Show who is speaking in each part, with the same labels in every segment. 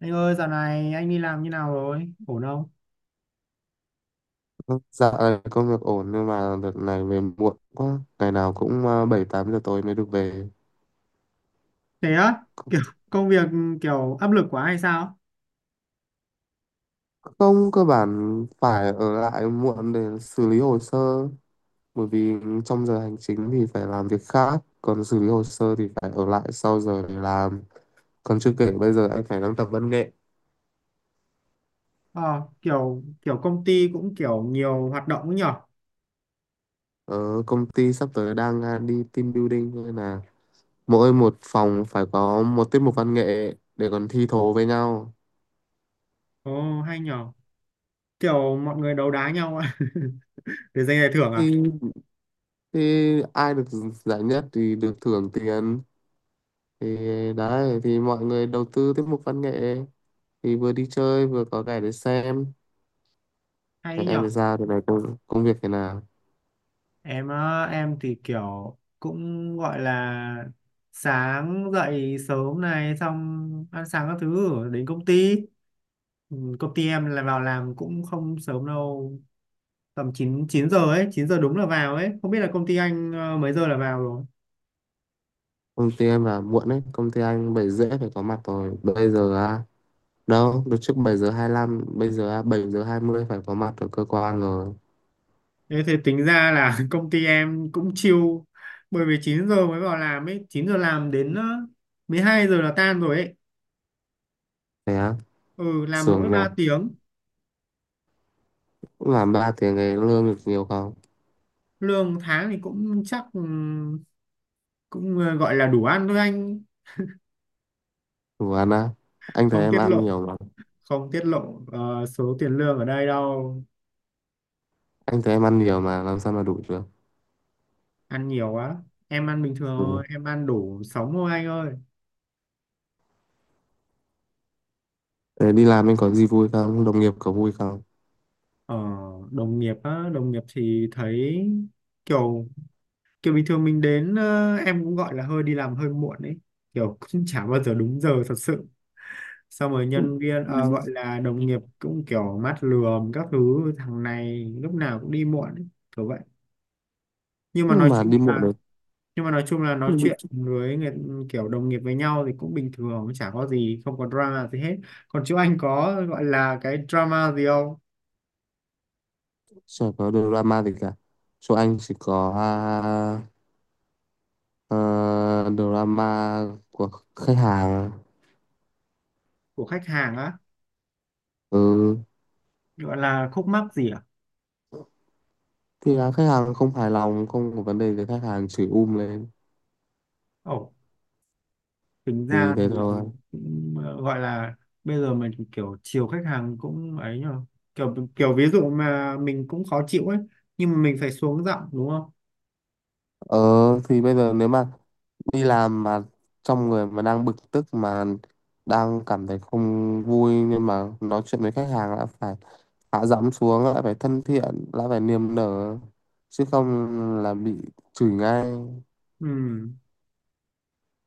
Speaker 1: Anh ơi, dạo này anh đi làm như nào rồi? Ổn không?
Speaker 2: Dạ, công việc ổn nhưng mà đợt này về muộn quá, ngày nào cũng 7-8 giờ tối mới được về.
Speaker 1: Thế á,
Speaker 2: C-
Speaker 1: kiểu công việc kiểu áp lực quá hay sao?
Speaker 2: Không, cơ bản phải ở lại muộn để xử lý hồ sơ, bởi vì trong giờ hành chính thì phải làm việc khác, còn xử lý hồ sơ thì phải ở lại sau giờ để làm. Còn chưa kể bây giờ anh phải đang tập văn nghệ,
Speaker 1: Ờ, kiểu kiểu công ty cũng kiểu nhiều hoạt động ấy nhở?
Speaker 2: ở công ty sắp tới đang đi team building, nên là mỗi một phòng phải có một tiết mục văn nghệ để còn thi thố với nhau.
Speaker 1: Ồ, hay nhở? Kiểu mọi người đấu đá nhau à? Để giành giải thưởng à?
Speaker 2: Thì thì ai được giải nhất thì được thưởng tiền, thì đấy, thì mọi người đầu tư tiết mục văn nghệ, thì vừa đi chơi vừa có cái để xem.
Speaker 1: Hay
Speaker 2: Thế
Speaker 1: ấy nhở?
Speaker 2: em thì sao, thì này công việc thế nào?
Speaker 1: Em á, em thì kiểu cũng gọi là sáng dậy sớm này xong ăn sáng các thứ rồi đến công ty. Ừ, công ty em là vào làm cũng không sớm đâu, tầm 9 9 giờ ấy, 9 giờ đúng là vào ấy. Không biết là công ty anh mấy giờ là vào rồi.
Speaker 2: Công ty em là muộn đấy, công ty anh 7:30 phải có mặt rồi, bây giờ à đâu được trước 7:25, bây giờ à 7:20 phải có mặt ở cơ quan rồi.
Speaker 1: Thế thì tính ra là công ty em cũng chill, bởi vì 9 giờ mới vào làm ấy, 9 giờ làm đến 12 giờ là tan rồi ấy.
Speaker 2: Thế á?
Speaker 1: Ừ, làm mỗi
Speaker 2: Sướng nhỉ,
Speaker 1: 3 tiếng,
Speaker 2: cũng làm 3 tiếng ấy, lương được nhiều không?
Speaker 1: lương tháng thì cũng chắc cũng gọi là đủ ăn thôi anh.
Speaker 2: Đủ ăn á? Anh thấy
Speaker 1: Không
Speaker 2: em
Speaker 1: tiết
Speaker 2: ăn
Speaker 1: lộ,
Speaker 2: nhiều mà.
Speaker 1: không tiết lộ số tiền lương ở đây đâu.
Speaker 2: Anh thấy em ăn nhiều mà làm sao mà đủ được.
Speaker 1: Ăn nhiều quá. Em ăn bình thường
Speaker 2: Ừ.
Speaker 1: thôi, em ăn đủ sống thôi anh ơi.
Speaker 2: Ờ, đi làm anh có gì vui không, đồng nghiệp có vui không?
Speaker 1: Ờ, đồng nghiệp á, đồng nghiệp thì thấy kiểu kiểu bình thường mình đến, em cũng gọi là hơi đi làm hơi muộn ấy, kiểu cũng chả bao giờ đúng giờ thật sự, xong rồi
Speaker 2: Ừ.
Speaker 1: nhân viên, gọi là đồng nghiệp cũng kiểu mắt lườm các thứ, thằng này lúc nào cũng đi muộn ấy, kiểu vậy. nhưng mà
Speaker 2: Nhưng
Speaker 1: nói
Speaker 2: mà
Speaker 1: chung
Speaker 2: đi muộn
Speaker 1: là
Speaker 2: rồi.
Speaker 1: nhưng mà nói chung là nói chuyện với người, kiểu đồng nghiệp với nhau thì cũng bình thường, chả có gì, không có drama gì hết. Còn chú anh có gọi là cái drama gì không?
Speaker 2: Chả có drama gì cả, chỗ anh chỉ có ờ, drama của khách hàng.
Speaker 1: Của khách hàng á?
Speaker 2: Ừ.
Speaker 1: Gọi là khúc mắc gì à?
Speaker 2: Thì là khách hàng không hài lòng, không có vấn đề thì khách hàng chửi lên,
Speaker 1: Ồ, tính
Speaker 2: thì
Speaker 1: ra
Speaker 2: thế
Speaker 1: thì
Speaker 2: thôi.
Speaker 1: cũng gọi là bây giờ mình kiểu chiều khách hàng cũng ấy nhờ, kiểu kiểu ví dụ mà mình cũng khó chịu ấy, nhưng mà mình phải xuống giọng đúng không?
Speaker 2: Ờ, thì bây giờ nếu mà đi làm mà trong người mà đang bực tức, mà đang cảm thấy không vui, nhưng mà nói chuyện với khách hàng đã phải hạ giọng xuống, lại phải thân thiện, lại phải niềm nở, chứ không là bị chửi ngay.
Speaker 1: Ừ,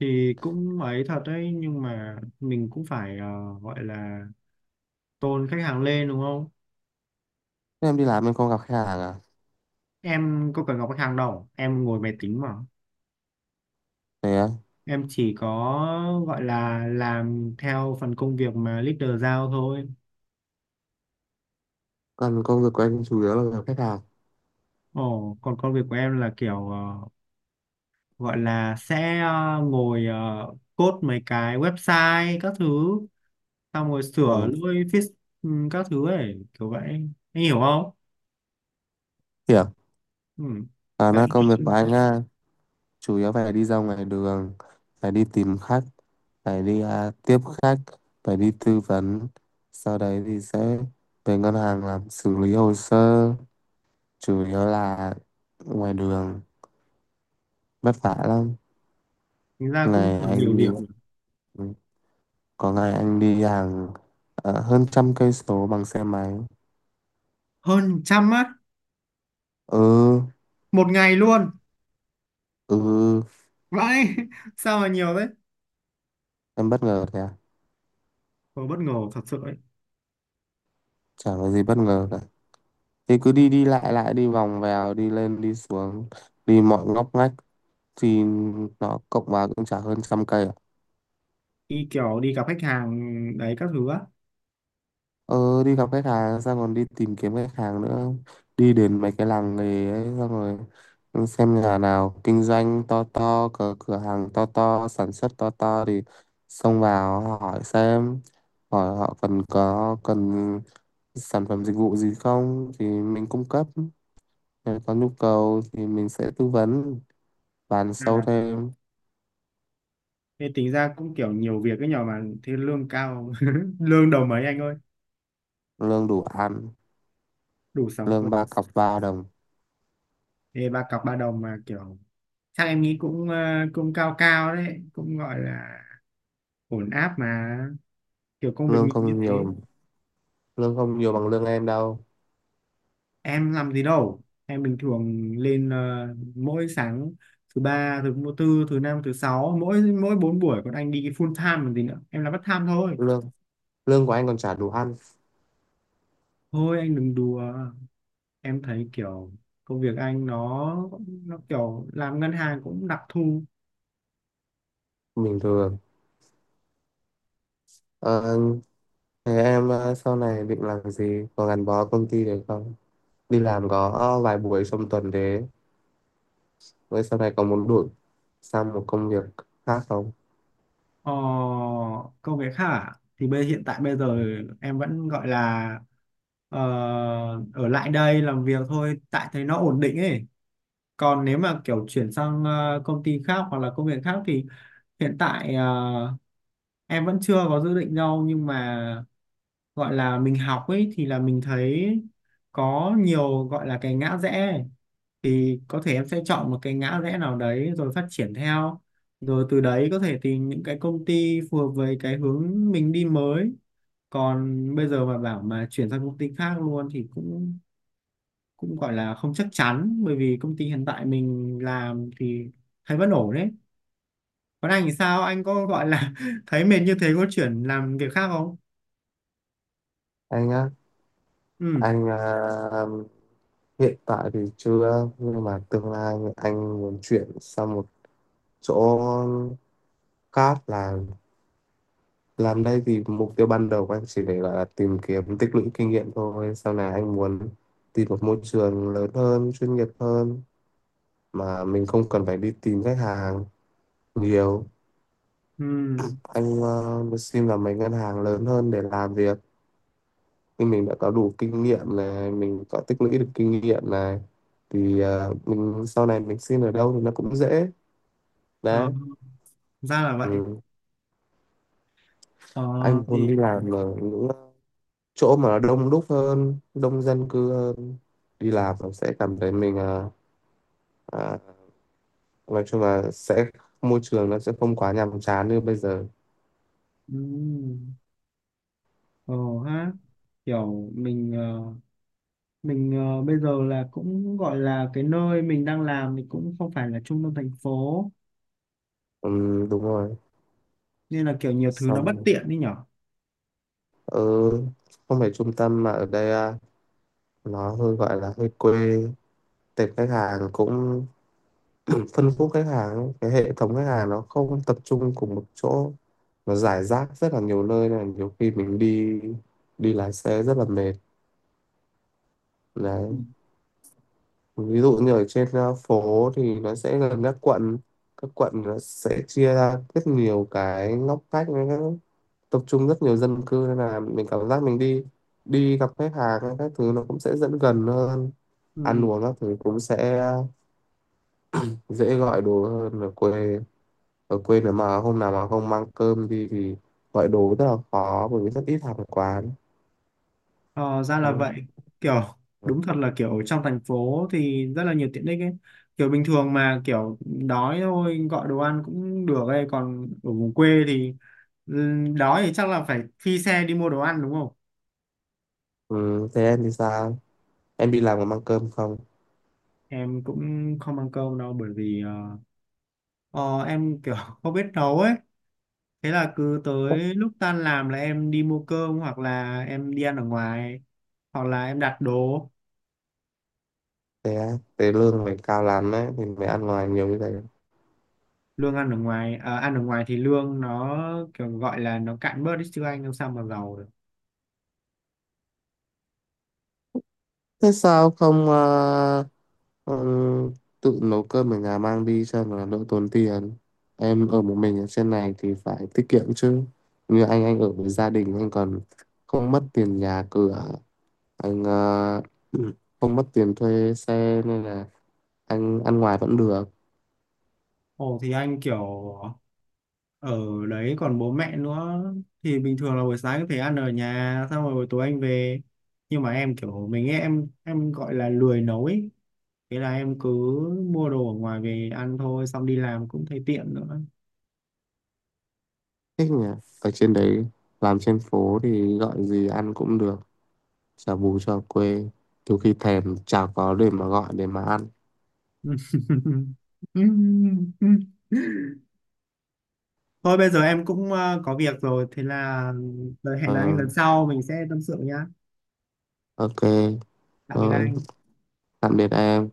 Speaker 1: thì cũng ấy thật đấy, nhưng mà mình cũng phải gọi là tôn khách hàng lên đúng không?
Speaker 2: Thế em đi làm em không gặp khách hàng à?
Speaker 1: Em có cần gặp khách hàng đâu, em ngồi máy tính mà.
Speaker 2: Thế á?
Speaker 1: Em chỉ có gọi là làm theo phần công việc mà leader giao thôi.
Speaker 2: Còn công việc của anh chủ yếu là gặp khách hàng.
Speaker 1: Ồ, còn công việc của em là kiểu, gọi là sẽ, ngồi code mấy cái website các thứ, xong rồi sửa
Speaker 2: Ừ.
Speaker 1: lỗi, fix, ừ, các thứ ấy, kiểu vậy. Anh hiểu không?
Speaker 2: Hiểu.
Speaker 1: Ừ.
Speaker 2: À, nó
Speaker 1: Đấy.
Speaker 2: công việc của anh á, chủ yếu phải đi ra ngoài đường, phải đi tìm khách, phải đi tiếp khách, phải đi tư vấn, sau đấy thì sẽ về ngân hàng làm xử lý hồ sơ. Chủ yếu là ngoài đường, vất vả lắm.
Speaker 1: Thành ra cũng
Speaker 2: Ngày
Speaker 1: được nhiều
Speaker 2: anh đi,
Speaker 1: việc nhỉ.
Speaker 2: ừ, có ngày anh đi hàng hơn 100 cây số bằng xe máy.
Speaker 1: Hơn 100 á?
Speaker 2: Ừ.
Speaker 1: Một ngày luôn?
Speaker 2: Ừ.
Speaker 1: Vậy? Sao mà nhiều thế.
Speaker 2: Em bất ngờ thế à?
Speaker 1: Tôi bất ngờ thật sự ấy.
Speaker 2: Chả có gì bất ngờ cả, thì cứ đi đi lại lại, đi vòng vèo, đi lên đi xuống, đi mọi ngóc ngách thì nó cộng vào cũng chả hơn 100 cây à.
Speaker 1: Đi kiểu đi gặp khách hàng đấy các thứ á?
Speaker 2: Ờ, đi gặp khách hàng xong còn đi tìm kiếm khách hàng nữa. Đi đến mấy cái làng nghề ấy, xong rồi xem nhà nào kinh doanh to to, cửa cửa hàng to to, sản xuất to to thì xông vào hỏi xem, hỏi họ cần có cần sản phẩm dịch vụ gì không thì mình cung cấp. Nếu có nhu cầu thì mình sẽ tư vấn, bán
Speaker 1: Nên
Speaker 2: sâu
Speaker 1: là
Speaker 2: thêm.
Speaker 1: thế tính ra cũng kiểu nhiều việc cái nhỏ mà thế lương cao, lương đầu mấy anh ơi?
Speaker 2: Lương đủ ăn,
Speaker 1: Đủ sống thôi
Speaker 2: lương
Speaker 1: à?
Speaker 2: ba cọc ba đồng.
Speaker 1: Thế ba cọc ba đồng mà kiểu, chắc em nghĩ cũng cũng cao cao đấy, cũng gọi là ổn áp mà, kiểu công việc
Speaker 2: Lương
Speaker 1: mình như
Speaker 2: không
Speaker 1: thế.
Speaker 2: nhiều, lương không nhiều bằng lương em đâu.
Speaker 1: Em làm gì đâu, em bình thường lên, mỗi sáng thứ ba, thứ tư, thứ năm, thứ sáu, mỗi mỗi 4 buổi, còn anh đi cái full time còn gì nữa, em là part time thôi.
Speaker 2: Lương, lương của anh còn chả đủ ăn,
Speaker 1: Thôi anh đừng đùa, em thấy kiểu công việc anh nó kiểu làm ngân hàng cũng đặc thù.
Speaker 2: bình thường. Ờ, thế em sau này định làm gì, có gắn bó công ty được không? Đi làm có vài buổi trong tuần thế, với sau này có muốn đổi sang một công việc khác không?
Speaker 1: Ờ, công việc hả? Thì hiện tại bây giờ em vẫn gọi là ờ, ở lại đây làm việc thôi, tại thấy nó ổn định ấy. Còn nếu mà kiểu chuyển sang, công ty khác hoặc là công việc khác thì hiện tại, em vẫn chưa có dự định đâu, nhưng mà gọi là mình học ấy thì là mình thấy có nhiều gọi là cái ngã rẽ ấy. Thì có thể em sẽ chọn một cái ngã rẽ nào đấy rồi phát triển theo, rồi từ đấy có thể tìm những cái công ty phù hợp với cái hướng mình đi mới. Còn bây giờ mà bảo mà chuyển sang công ty khác luôn thì cũng, cũng gọi là không chắc chắn, bởi vì công ty hiện tại mình làm thì thấy vẫn ổn đấy. Còn anh thì sao, anh có gọi là thấy mệt như thế có chuyển làm việc khác không?
Speaker 2: Anh á,
Speaker 1: Ừ.
Speaker 2: anh hiện tại thì chưa, nhưng mà tương lai anh muốn chuyển sang một chỗ khác. Là làm đây thì mục tiêu ban đầu của anh chỉ để gọi là tìm kiếm tích lũy kinh nghiệm thôi, sau này anh muốn tìm một môi trường lớn hơn, chuyên nghiệp hơn, mà mình không cần phải đi tìm khách hàng nhiều.
Speaker 1: Ừ.
Speaker 2: Anh xin vào mấy ngân hàng lớn hơn để làm việc. Nhưng mình đã có đủ kinh nghiệm này, mình có tích lũy được kinh nghiệm này thì mình sau này mình xin ở đâu thì nó cũng dễ.
Speaker 1: Ờ,
Speaker 2: Đấy.
Speaker 1: ra là vậy.
Speaker 2: Ừ.
Speaker 1: Ờ.
Speaker 2: Anh muốn
Speaker 1: Thì.
Speaker 2: đi làm ở những chỗ mà đông đúc hơn, đông dân cư hơn, đi làm nó sẽ cảm thấy mình à, nói chung là sẽ môi trường nó sẽ không quá nhàm chán như bây giờ.
Speaker 1: Ừ. Ờ. Ha. Kiểu mình, bây giờ là cũng gọi là cái nơi mình đang làm thì cũng không phải là trung tâm thành phố,
Speaker 2: Đúng rồi.
Speaker 1: nên là kiểu nhiều thứ nó
Speaker 2: Xong,
Speaker 1: bất tiện đi nhở.
Speaker 2: ừ, không phải trung tâm mà ở đây nó hơi gọi là hơi quê. Tệp khách hàng cũng phân khúc khách hàng ấy, cái hệ thống khách hàng nó không tập trung cùng một chỗ, nó rải rác rất là nhiều nơi, nên là nhiều khi mình đi đi lái xe rất là mệt.
Speaker 1: Ừ.
Speaker 2: Đấy. Ví dụ như ở trên phố thì nó sẽ gần các quận, các quận nó sẽ chia ra rất nhiều cái ngóc ngách với tập trung rất nhiều dân cư, nên là mình cảm giác mình đi đi gặp khách hàng hay các thứ nó cũng sẽ dẫn gần hơn. Ăn
Speaker 1: Ừ.
Speaker 2: uống các thứ cũng sẽ dễ gọi đồ hơn ở quê. Ở quê nếu mà hôm nào mà không mang cơm đi thì gọi đồ rất là khó, bởi vì rất ít hàng quán.
Speaker 1: Ờ, ra là
Speaker 2: Ừ.
Speaker 1: vậy. Kiểu đúng thật là kiểu ở trong thành phố thì rất là nhiều tiện ích ấy, kiểu bình thường mà kiểu đói thôi gọi đồ ăn cũng được ấy, còn ở vùng quê thì, ừ, đói thì chắc là phải phi xe đi mua đồ ăn đúng không?
Speaker 2: Ừ. Thế em thì sao, em đi làm có mang cơm không?
Speaker 1: Em cũng không ăn cơm đâu, bởi vì em kiểu không biết nấu ấy. Thế là cứ tới lúc tan làm là em đi mua cơm, hoặc là em đi ăn ở ngoài, hoặc là em đặt đồ.
Speaker 2: Thế á? Thế lương mày cao lắm ấy thì mày ăn ngoài nhiều như thế.
Speaker 1: Lương ăn ở ngoài à, ăn ở ngoài thì lương nó kiểu gọi là nó cạn bớt đi chứ, anh làm sao mà giàu được.
Speaker 2: Thế sao không ừm, tự nấu cơm ở nhà mang đi cho nó đỡ tốn tiền? Em ở một mình ở trên này thì phải tiết kiệm chứ. Như anh ở với gia đình, anh còn không mất tiền nhà cửa. Anh không mất tiền thuê xe nên là anh ăn ngoài vẫn được.
Speaker 1: Ồ thì anh kiểu ở đấy còn bố mẹ nữa, thì bình thường là buổi sáng có thể ăn ở nhà xong rồi buổi tối anh về. Nhưng mà em kiểu mình ấy, em gọi là lười nấu ấy, thế là em cứ mua đồ ở ngoài về ăn thôi, xong đi làm cũng thấy tiện nữa.
Speaker 2: Thích nhỉ, ở trên đấy làm trên phố thì gọi gì ăn cũng được, chả bù chả quê, nhiều khi thèm chả có để mà gọi để mà ăn.
Speaker 1: Thôi bây giờ em cũng có việc rồi, thế là hẹn
Speaker 2: Ờ,
Speaker 1: là anh lần sau mình sẽ tâm sự nhá.
Speaker 2: ok.
Speaker 1: Tạm biệt
Speaker 2: Thôi,
Speaker 1: anh.
Speaker 2: tạm biệt em.